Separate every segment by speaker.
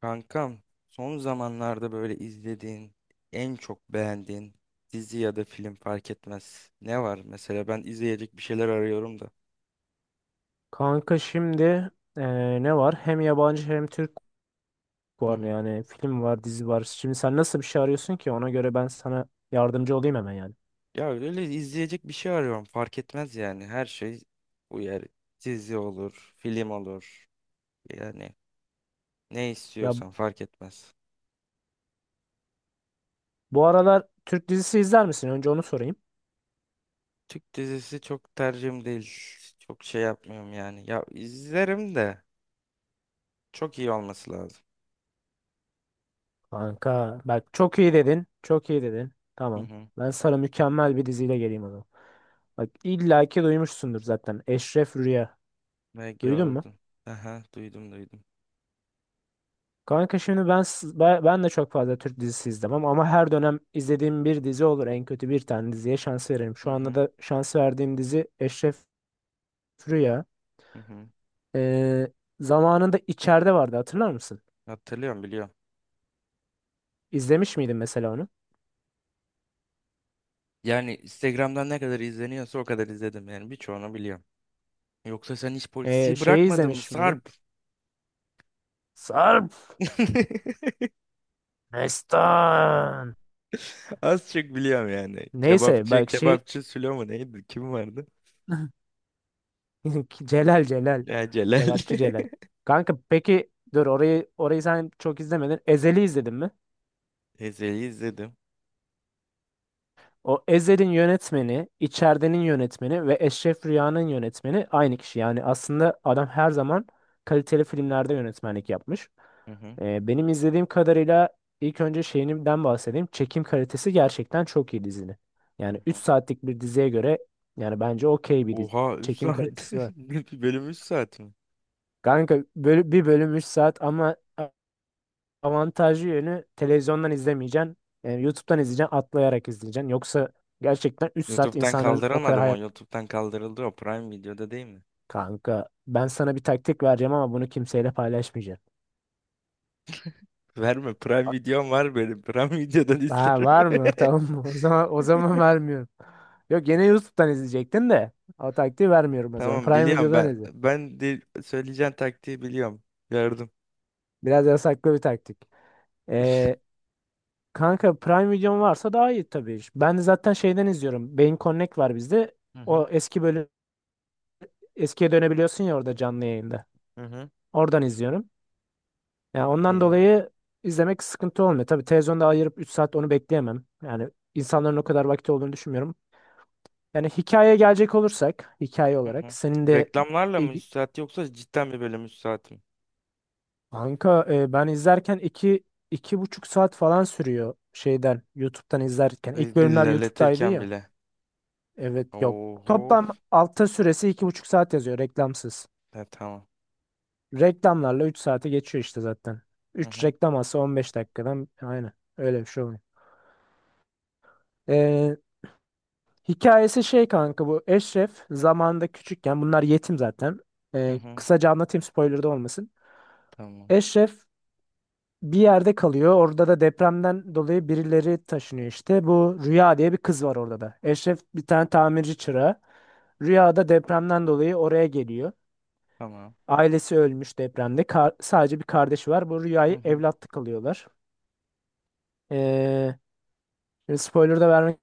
Speaker 1: Kankam, son zamanlarda böyle izlediğin, en çok beğendiğin dizi ya da film fark etmez. Ne var mesela ben izleyecek bir şeyler arıyorum da.
Speaker 2: Kanka şimdi ne var? Hem yabancı hem Türk
Speaker 1: Hı
Speaker 2: var,
Speaker 1: hı.
Speaker 2: yani film var, dizi var. Şimdi sen nasıl bir şey arıyorsun ki? Ona göre ben sana yardımcı olayım hemen yani.
Speaker 1: Ya öyle izleyecek bir şey arıyorum fark etmez yani her şey uyar. Dizi olur, film olur. Yani ne
Speaker 2: Ya
Speaker 1: istiyorsan fark etmez.
Speaker 2: bu aralar Türk dizisi izler misin? Önce onu sorayım.
Speaker 1: Türk dizisi çok tercihim değil. Çok şey yapmıyorum yani. Ya izlerim de çok iyi olması lazım.
Speaker 2: Kanka bak çok iyi dedin. Çok iyi dedin.
Speaker 1: Hı
Speaker 2: Tamam.
Speaker 1: hı.
Speaker 2: Ben sana mükemmel bir diziyle geleyim o zaman. Bak illaki duymuşsundur zaten. Eşref Rüya.
Speaker 1: Ne
Speaker 2: Duydun mu?
Speaker 1: gördüm. Aha duydum duydum.
Speaker 2: Kanka şimdi ben, s- ben ben de çok fazla Türk dizisi izlemem ama her dönem izlediğim bir dizi olur. En kötü bir tane diziye şans veririm.
Speaker 1: Hı
Speaker 2: Şu anda
Speaker 1: hı.
Speaker 2: da şans verdiğim dizi Eşref Rüya.
Speaker 1: Hı hı.
Speaker 2: Ee, Zamanında içeride vardı, hatırlar mısın?
Speaker 1: Hatırlıyorum biliyorum.
Speaker 2: İzlemiş miydin mesela onu?
Speaker 1: Yani Instagram'dan ne kadar izleniyorsa o kadar izledim yani birçoğunu biliyorum. Yoksa sen hiç polisi
Speaker 2: Şeyi
Speaker 1: bırakmadın mı
Speaker 2: izlemiş miydin?
Speaker 1: Sarp?
Speaker 2: Sarp Destan.
Speaker 1: Az çok biliyorum yani.
Speaker 2: Neyse
Speaker 1: Kebapçı,
Speaker 2: bak şey
Speaker 1: kebapçı Sülo mu neydi? Kim vardı?
Speaker 2: Celal.
Speaker 1: Ya Celal.
Speaker 2: Kebapçı Celal. Kanka peki dur, orayı sen çok izlemedin. Ezel'i izledin mi?
Speaker 1: Ezel'i izledim.
Speaker 2: O Ezel'in yönetmeni, İçeride'nin yönetmeni ve Eşref Rüya'nın yönetmeni aynı kişi. Yani aslında adam her zaman kaliteli filmlerde yönetmenlik yapmış.
Speaker 1: Hı hı.
Speaker 2: Benim izlediğim kadarıyla ilk önce şeyinden bahsedeyim. Çekim kalitesi gerçekten çok iyi dizinin.
Speaker 1: Hı
Speaker 2: Yani 3
Speaker 1: hı.
Speaker 2: saatlik bir diziye göre yani bence okey bir
Speaker 1: Oha 3
Speaker 2: çekim
Speaker 1: saat.
Speaker 2: kalitesi var.
Speaker 1: Bir bölüm 3 saat mi?
Speaker 2: Kanka bir bölüm 3 saat, ama avantajlı yönü televizyondan izlemeyeceksin. Yani YouTube'dan izleyeceksin, atlayarak izleyeceksin. Yoksa gerçekten 3 saat
Speaker 1: YouTube'dan
Speaker 2: insanların o
Speaker 1: kaldıramadım o.
Speaker 2: kadar...
Speaker 1: YouTube'dan kaldırıldı o. Prime Video'da değil mi?
Speaker 2: Kanka ben sana bir taktik vereceğim ama bunu kimseyle paylaşmayacağım.
Speaker 1: Verme, Prime Videom var benim. Prime Video'dan
Speaker 2: Ha,
Speaker 1: izlerim.
Speaker 2: var mı? Tamam mı? O zaman vermiyorum. Yok, gene YouTube'dan izleyecektin de o taktiği vermiyorum o zaman.
Speaker 1: Tamam
Speaker 2: Prime
Speaker 1: biliyorum
Speaker 2: Video'dan
Speaker 1: ben.
Speaker 2: izle.
Speaker 1: Ben de söyleyeceğin taktiği biliyorum. Gördüm.
Speaker 2: Biraz yasaklı bir taktik. Ee, Kanka Prime Video'm varsa daha iyi tabii. Ben de zaten şeyden izliyorum. Beyin Connect var bizde.
Speaker 1: Hı hı.
Speaker 2: O eski bölüm, eskiye dönebiliyorsun ya orada canlı yayında.
Speaker 1: Hı hı.
Speaker 2: Oradan izliyorum. Yani ondan
Speaker 1: İyi.
Speaker 2: dolayı izlemek sıkıntı olmuyor. Tabii televizyonda ayırıp 3 saat onu bekleyemem. Yani insanların o kadar vakti olduğunu düşünmüyorum. Yani hikayeye gelecek olursak, hikaye
Speaker 1: Hı
Speaker 2: olarak
Speaker 1: hı.
Speaker 2: senin de
Speaker 1: Reklamlarla
Speaker 2: e,
Speaker 1: mı üstad yoksa cidden bir bölüm üstad mı?
Speaker 2: kanka ben izlerken iki buçuk saat falan sürüyor şeyden, YouTube'dan izlerken. İlk bölümler YouTube'daydı
Speaker 1: İlerletirken
Speaker 2: ya.
Speaker 1: bile.
Speaker 2: Evet, yok.
Speaker 1: Oho.
Speaker 2: Toplam altta süresi 2,5 saat yazıyor reklamsız.
Speaker 1: Ya, tamam.
Speaker 2: Reklamlarla 3 saate geçiyor işte zaten.
Speaker 1: Hı
Speaker 2: Üç
Speaker 1: hı.
Speaker 2: reklam alsa 15 dakikadan aynen öyle bir şey oluyor. E, Hikayesi şey kanka, bu Eşref zamanında küçükken bunlar yetim zaten.
Speaker 1: Hı hı.
Speaker 2: Kısaca anlatayım, spoiler da olmasın.
Speaker 1: Tamam.
Speaker 2: Eşref bir yerde kalıyor. Orada da depremden dolayı birileri taşınıyor işte. Bu Rüya diye bir kız var orada da. Eşref bir tane tamirci çırağı. Rüya da depremden dolayı oraya geliyor.
Speaker 1: Tamam.
Speaker 2: Ailesi ölmüş depremde. Sadece bir kardeşi var. Bu
Speaker 1: Hı
Speaker 2: Rüya'yı
Speaker 1: hı.
Speaker 2: evlatlık alıyorlar. Ee, Spoiler da vermek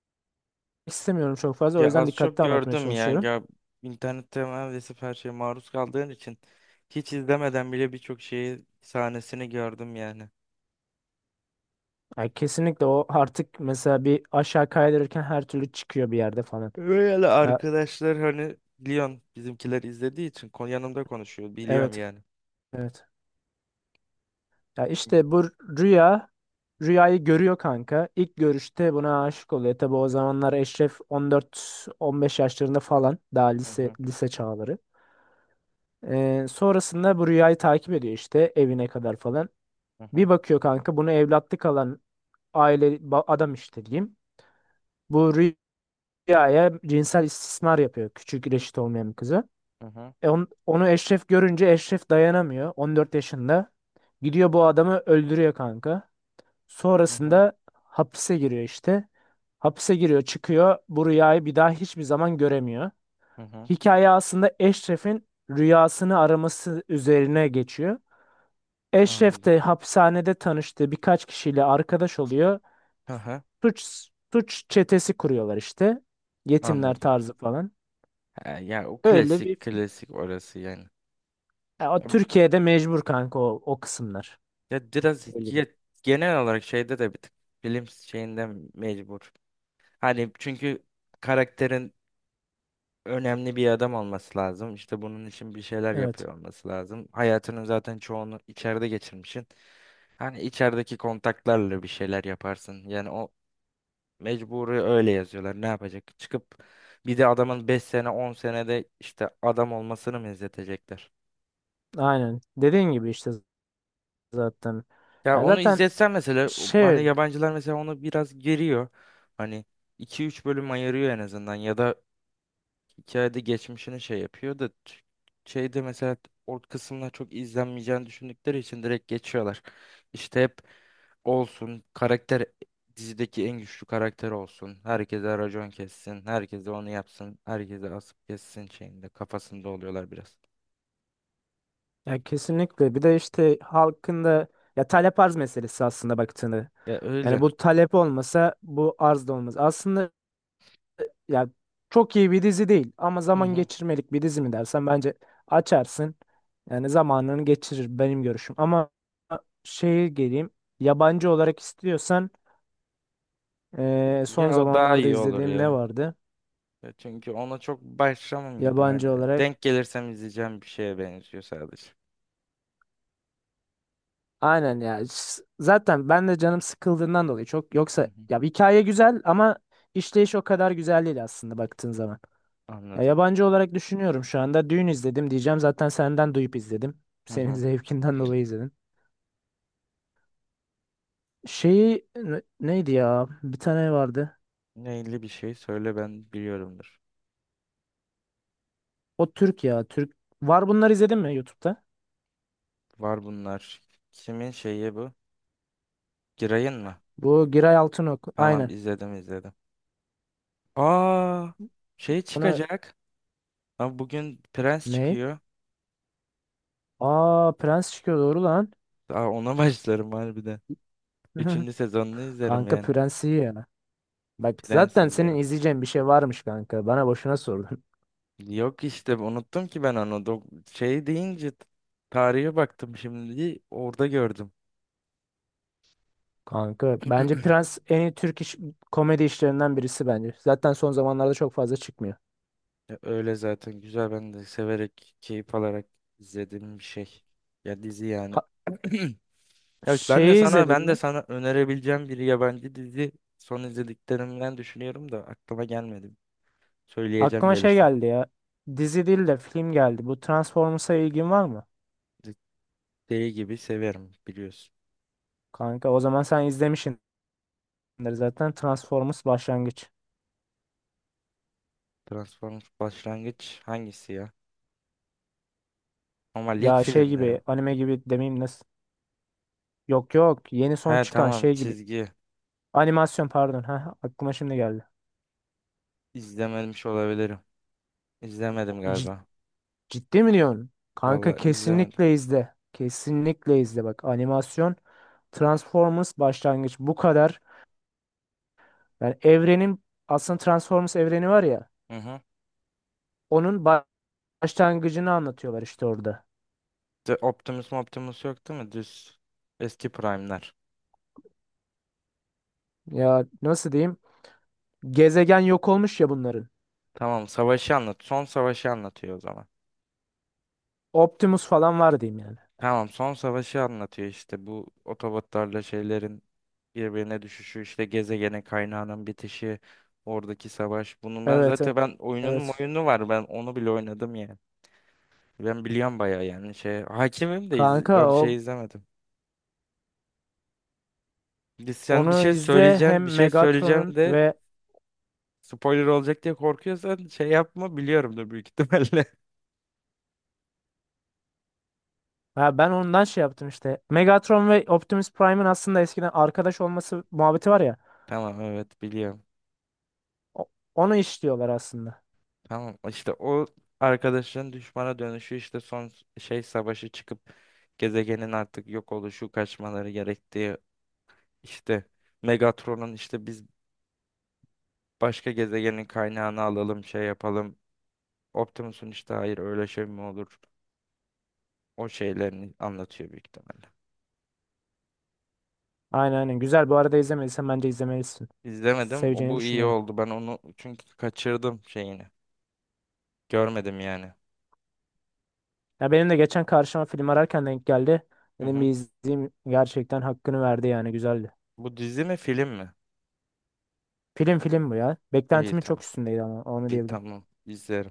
Speaker 2: istemiyorum çok fazla. O
Speaker 1: Ya
Speaker 2: yüzden
Speaker 1: az çok
Speaker 2: dikkatli anlatmaya
Speaker 1: gördüm ya.
Speaker 2: çalışıyorum.
Speaker 1: Ya internette neredeyse her şeye maruz kaldığın için hiç izlemeden bile birçok şeyi sahnesini gördüm yani.
Speaker 2: Yani kesinlikle o artık mesela bir aşağı kaydırırken her türlü çıkıyor bir yerde falan.
Speaker 1: Öyle
Speaker 2: Ya,
Speaker 1: arkadaşlar hani biliyorsun bizimkiler izlediği için yanımda konuşuyor biliyorum
Speaker 2: evet.
Speaker 1: yani.
Speaker 2: Evet. Ya işte bu rüya rüyayı görüyor kanka. İlk görüşte buna aşık oluyor. Tabi o zamanlar Eşref 14-15 yaşlarında falan, daha
Speaker 1: Hı
Speaker 2: lise
Speaker 1: hı,
Speaker 2: lise çağları. Sonrasında bu rüyayı takip ediyor işte evine kadar falan.
Speaker 1: hı hı,
Speaker 2: Bir bakıyor kanka, bunu evlatlık alan aile adam işte diyeyim. Bu rüyaya cinsel istismar yapıyor, küçük reşit olmayan bir kızı.
Speaker 1: hı hı,
Speaker 2: Onu Eşref görünce Eşref dayanamıyor 14 yaşında. Gidiyor bu adamı öldürüyor kanka.
Speaker 1: hı hı,
Speaker 2: Sonrasında hapise giriyor işte. Hapise giriyor, çıkıyor. Bu rüyayı bir daha hiçbir zaman göremiyor.
Speaker 1: hı hı.
Speaker 2: Hikaye aslında Eşref'in rüyasını araması üzerine geçiyor. Eşref
Speaker 1: Anladım.
Speaker 2: de hapishanede tanıştığı birkaç kişiyle arkadaş oluyor.
Speaker 1: Hı hı,
Speaker 2: Suç Suç çetesi kuruyorlar işte. Yetimler
Speaker 1: anladım.
Speaker 2: tarzı falan.
Speaker 1: Ha, ya o
Speaker 2: Öyle bir...
Speaker 1: klasik klasik orası yani.
Speaker 2: Ya, o
Speaker 1: Ya,
Speaker 2: Türkiye'de mecbur kanka o kısımlar.
Speaker 1: ya biraz
Speaker 2: Öyle değil.
Speaker 1: ya, genel olarak şeyde de bir tık bilim şeyinden mecbur. Hani çünkü karakterin önemli bir adam olması lazım. İşte bunun için bir şeyler
Speaker 2: Evet.
Speaker 1: yapıyor olması lazım. Hayatının zaten çoğunu içeride geçirmişsin. Hani içerideki kontaklarla bir şeyler yaparsın. Yani o mecburi öyle yazıyorlar. Ne yapacak? Çıkıp bir de adamın 5 sene 10 senede işte adam olmasını mı izletecekler?
Speaker 2: Aynen. Dediğin gibi işte zaten.
Speaker 1: Ya
Speaker 2: Ya
Speaker 1: onu
Speaker 2: zaten
Speaker 1: izletsen mesela hani
Speaker 2: şey...
Speaker 1: yabancılar mesela onu biraz geriyor. Hani iki üç bölüm ayırıyor en azından ya da hikayede geçmişini şey yapıyor da şeyde mesela ort kısımlar çok izlenmeyeceğini düşündükleri için direkt geçiyorlar. İşte hep olsun karakter dizideki en güçlü karakter olsun. Herkese racon kessin. Herkese onu yapsın. Herkese asıp kessin şeyinde kafasında oluyorlar biraz.
Speaker 2: Ya kesinlikle. Bir de işte halkın da ya talep arz meselesi aslında baktığında.
Speaker 1: Ya
Speaker 2: Yani
Speaker 1: öyle.
Speaker 2: bu talep olmasa bu arz da olmaz. Aslında ya çok iyi bir dizi değil ama
Speaker 1: Hı
Speaker 2: zaman
Speaker 1: hı.
Speaker 2: geçirmelik bir dizi mi dersen, bence açarsın. Yani zamanını geçirir, benim görüşüm. Ama şeye geleyim. Yabancı olarak istiyorsan son
Speaker 1: Ya o daha
Speaker 2: zamanlarda
Speaker 1: iyi olur
Speaker 2: izlediğim ne
Speaker 1: ya.
Speaker 2: vardı?
Speaker 1: Ya çünkü ona çok başlamam gibi, hani
Speaker 2: Yabancı olarak...
Speaker 1: denk gelirsem izleyeceğim bir şeye benziyor sadece.
Speaker 2: Aynen ya. Zaten ben de canım sıkıldığından dolayı çok,
Speaker 1: Hı
Speaker 2: yoksa
Speaker 1: hı.
Speaker 2: ya hikaye güzel ama işleyiş o kadar güzel değil aslında baktığın zaman. Ya
Speaker 1: Anladım.
Speaker 2: yabancı olarak düşünüyorum şu anda. Dün izledim diyeceğim. Zaten senden duyup izledim.
Speaker 1: Hı
Speaker 2: Senin
Speaker 1: hı.
Speaker 2: zevkinden dolayı izledim. Şeyi neydi ya? Bir tane vardı.
Speaker 1: Neyli bir şey söyle ben biliyorumdur.
Speaker 2: O Türk ya. Türk. Var, bunları izledin mi YouTube'da?
Speaker 1: Var bunlar. Kimin şeyi bu? Giray'ın mı?
Speaker 2: Bu Giray Altınok.
Speaker 1: Tamam,
Speaker 2: Aynen.
Speaker 1: izledim izledim. Aa şey
Speaker 2: Onu
Speaker 1: çıkacak. Ama bugün Prens
Speaker 2: ne?
Speaker 1: çıkıyor.
Speaker 2: Aa, Prens çıkıyor doğru lan.
Speaker 1: Aa ona başlarım harbiden. Üçüncü sezonunu izlerim
Speaker 2: Kanka
Speaker 1: yani.
Speaker 2: Prens iyi ya. Bak
Speaker 1: Prens
Speaker 2: zaten senin
Speaker 1: izlerim.
Speaker 2: izleyeceğin bir şey varmış kanka. Bana boşuna sordun.
Speaker 1: Yok işte unuttum ki ben onu. Şey deyince tarihe baktım şimdi orada gördüm.
Speaker 2: Kanka bence Prens en iyi Türk komedi işlerinden birisi bence. Zaten son zamanlarda çok fazla çıkmıyor.
Speaker 1: Ya öyle zaten, güzel ben de severek keyif alarak izlediğim bir şey. Ya dizi yani.
Speaker 2: Ha,
Speaker 1: Ya işte ben de
Speaker 2: şeyi
Speaker 1: sana
Speaker 2: izledin
Speaker 1: ben de
Speaker 2: mi?
Speaker 1: sana önerebileceğim bir yabancı dizi son izlediklerimden düşünüyorum da aklıma gelmedi. Söyleyeceğim
Speaker 2: Aklıma şey
Speaker 1: gelirse.
Speaker 2: geldi ya. Dizi değil de film geldi. Bu Transformers'a ilgin var mı?
Speaker 1: Deli gibi severim biliyorsun.
Speaker 2: Kanka o zaman sen izlemişsindir zaten, Transformers başlangıç.
Speaker 1: Transformers başlangıç hangisi ya? Ama lig
Speaker 2: Ya şey
Speaker 1: filmleri mi?
Speaker 2: gibi, anime gibi demeyeyim, nasıl? Yok yok, yeni son
Speaker 1: He
Speaker 2: çıkan
Speaker 1: tamam,
Speaker 2: şey gibi.
Speaker 1: çizgi.
Speaker 2: Animasyon pardon. Ha, aklıma şimdi geldi.
Speaker 1: İzlememiş olabilirim. İzlemedim galiba.
Speaker 2: Ciddi mi diyorsun? Kanka
Speaker 1: Vallahi izlemedim.
Speaker 2: kesinlikle izle. Kesinlikle izle. Bak animasyon Transformers başlangıç bu kadar. Yani evrenin aslında Transformers evreni var ya.
Speaker 1: Hı hı.
Speaker 2: Onun başlangıcını anlatıyorlar işte orada.
Speaker 1: The Optimus yok değil mi? Düz. Eski Prime'ler.
Speaker 2: Ya nasıl diyeyim? Gezegen yok olmuş ya bunların.
Speaker 1: Tamam, savaşı anlat. Son savaşı anlatıyor o zaman.
Speaker 2: Optimus falan var diyeyim yani.
Speaker 1: Tamam, son savaşı anlatıyor işte, bu otobotlarla şeylerin birbirine düşüşü, işte gezegenin kaynağının bitişi, oradaki savaş. Bunun ben
Speaker 2: Evet
Speaker 1: zaten ben oyunun
Speaker 2: evet.
Speaker 1: oyunu var, ben onu bile oynadım yani. Ben biliyorum bayağı yani, şey hakimim de
Speaker 2: Kanka
Speaker 1: yani şey
Speaker 2: o
Speaker 1: izlemedim. Sen bir
Speaker 2: onu
Speaker 1: şey
Speaker 2: izle
Speaker 1: söyleyeceksin, bir
Speaker 2: hem
Speaker 1: şey söyleyeceğim
Speaker 2: Megatron'un
Speaker 1: de
Speaker 2: ve...
Speaker 1: spoiler olacak diye korkuyorsan şey yapma, biliyorum da büyük ihtimalle.
Speaker 2: Ha, ben ondan şey yaptım işte. Megatron ve Optimus Prime'ın aslında eskiden arkadaş olması muhabbeti var ya.
Speaker 1: Tamam, evet biliyorum.
Speaker 2: O- Onu işliyorlar aslında.
Speaker 1: Tamam işte o arkadaşın düşmana dönüşü, işte son şey savaşı çıkıp gezegenin artık yok oluşu, kaçmaları gerektiği, işte Megatron'un işte biz başka gezegenin kaynağını alalım şey yapalım. Optimus'un işte hayır, öyle şey mi olur? O şeylerini anlatıyor büyük ihtimalle.
Speaker 2: Aynen. Güzel. Bu arada izlemediysen bence izlemelisin.
Speaker 1: İzlemedim. O
Speaker 2: Seveceğini
Speaker 1: bu iyi
Speaker 2: düşünüyorum.
Speaker 1: oldu. Ben onu çünkü kaçırdım şeyini. Görmedim yani.
Speaker 2: Ya benim de geçen karşıma film ararken denk geldi.
Speaker 1: Hı
Speaker 2: Dedim bir
Speaker 1: hı.
Speaker 2: izleyeyim. Gerçekten hakkını verdi yani. Güzeldi.
Speaker 1: Bu dizi mi film mi?
Speaker 2: Film, bu ya.
Speaker 1: İyi
Speaker 2: Beklentimin çok
Speaker 1: tamam.
Speaker 2: üstündeydi ama onu
Speaker 1: İyi
Speaker 2: diyebilirim.
Speaker 1: tamam, izlerim.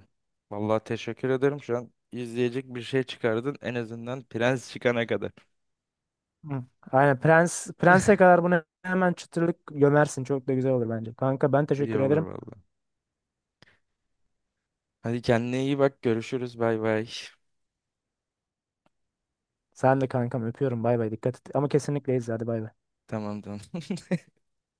Speaker 1: Vallahi teşekkür ederim. Şu an izleyecek bir şey çıkardın. En azından Prens çıkana kadar.
Speaker 2: Hı. Aynen, Prens'e kadar bunu hemen çıtırlık gömersin. Çok da güzel olur bence. Kanka ben
Speaker 1: İyi
Speaker 2: teşekkür
Speaker 1: olur
Speaker 2: ederim.
Speaker 1: vallahi. Hadi kendine iyi bak. Görüşürüz. Bay bay.
Speaker 2: Sen de kankam, öpüyorum. Bay bay. Dikkat et. Ama kesinlikle izle, hadi bay bay.
Speaker 1: Tamam tamam.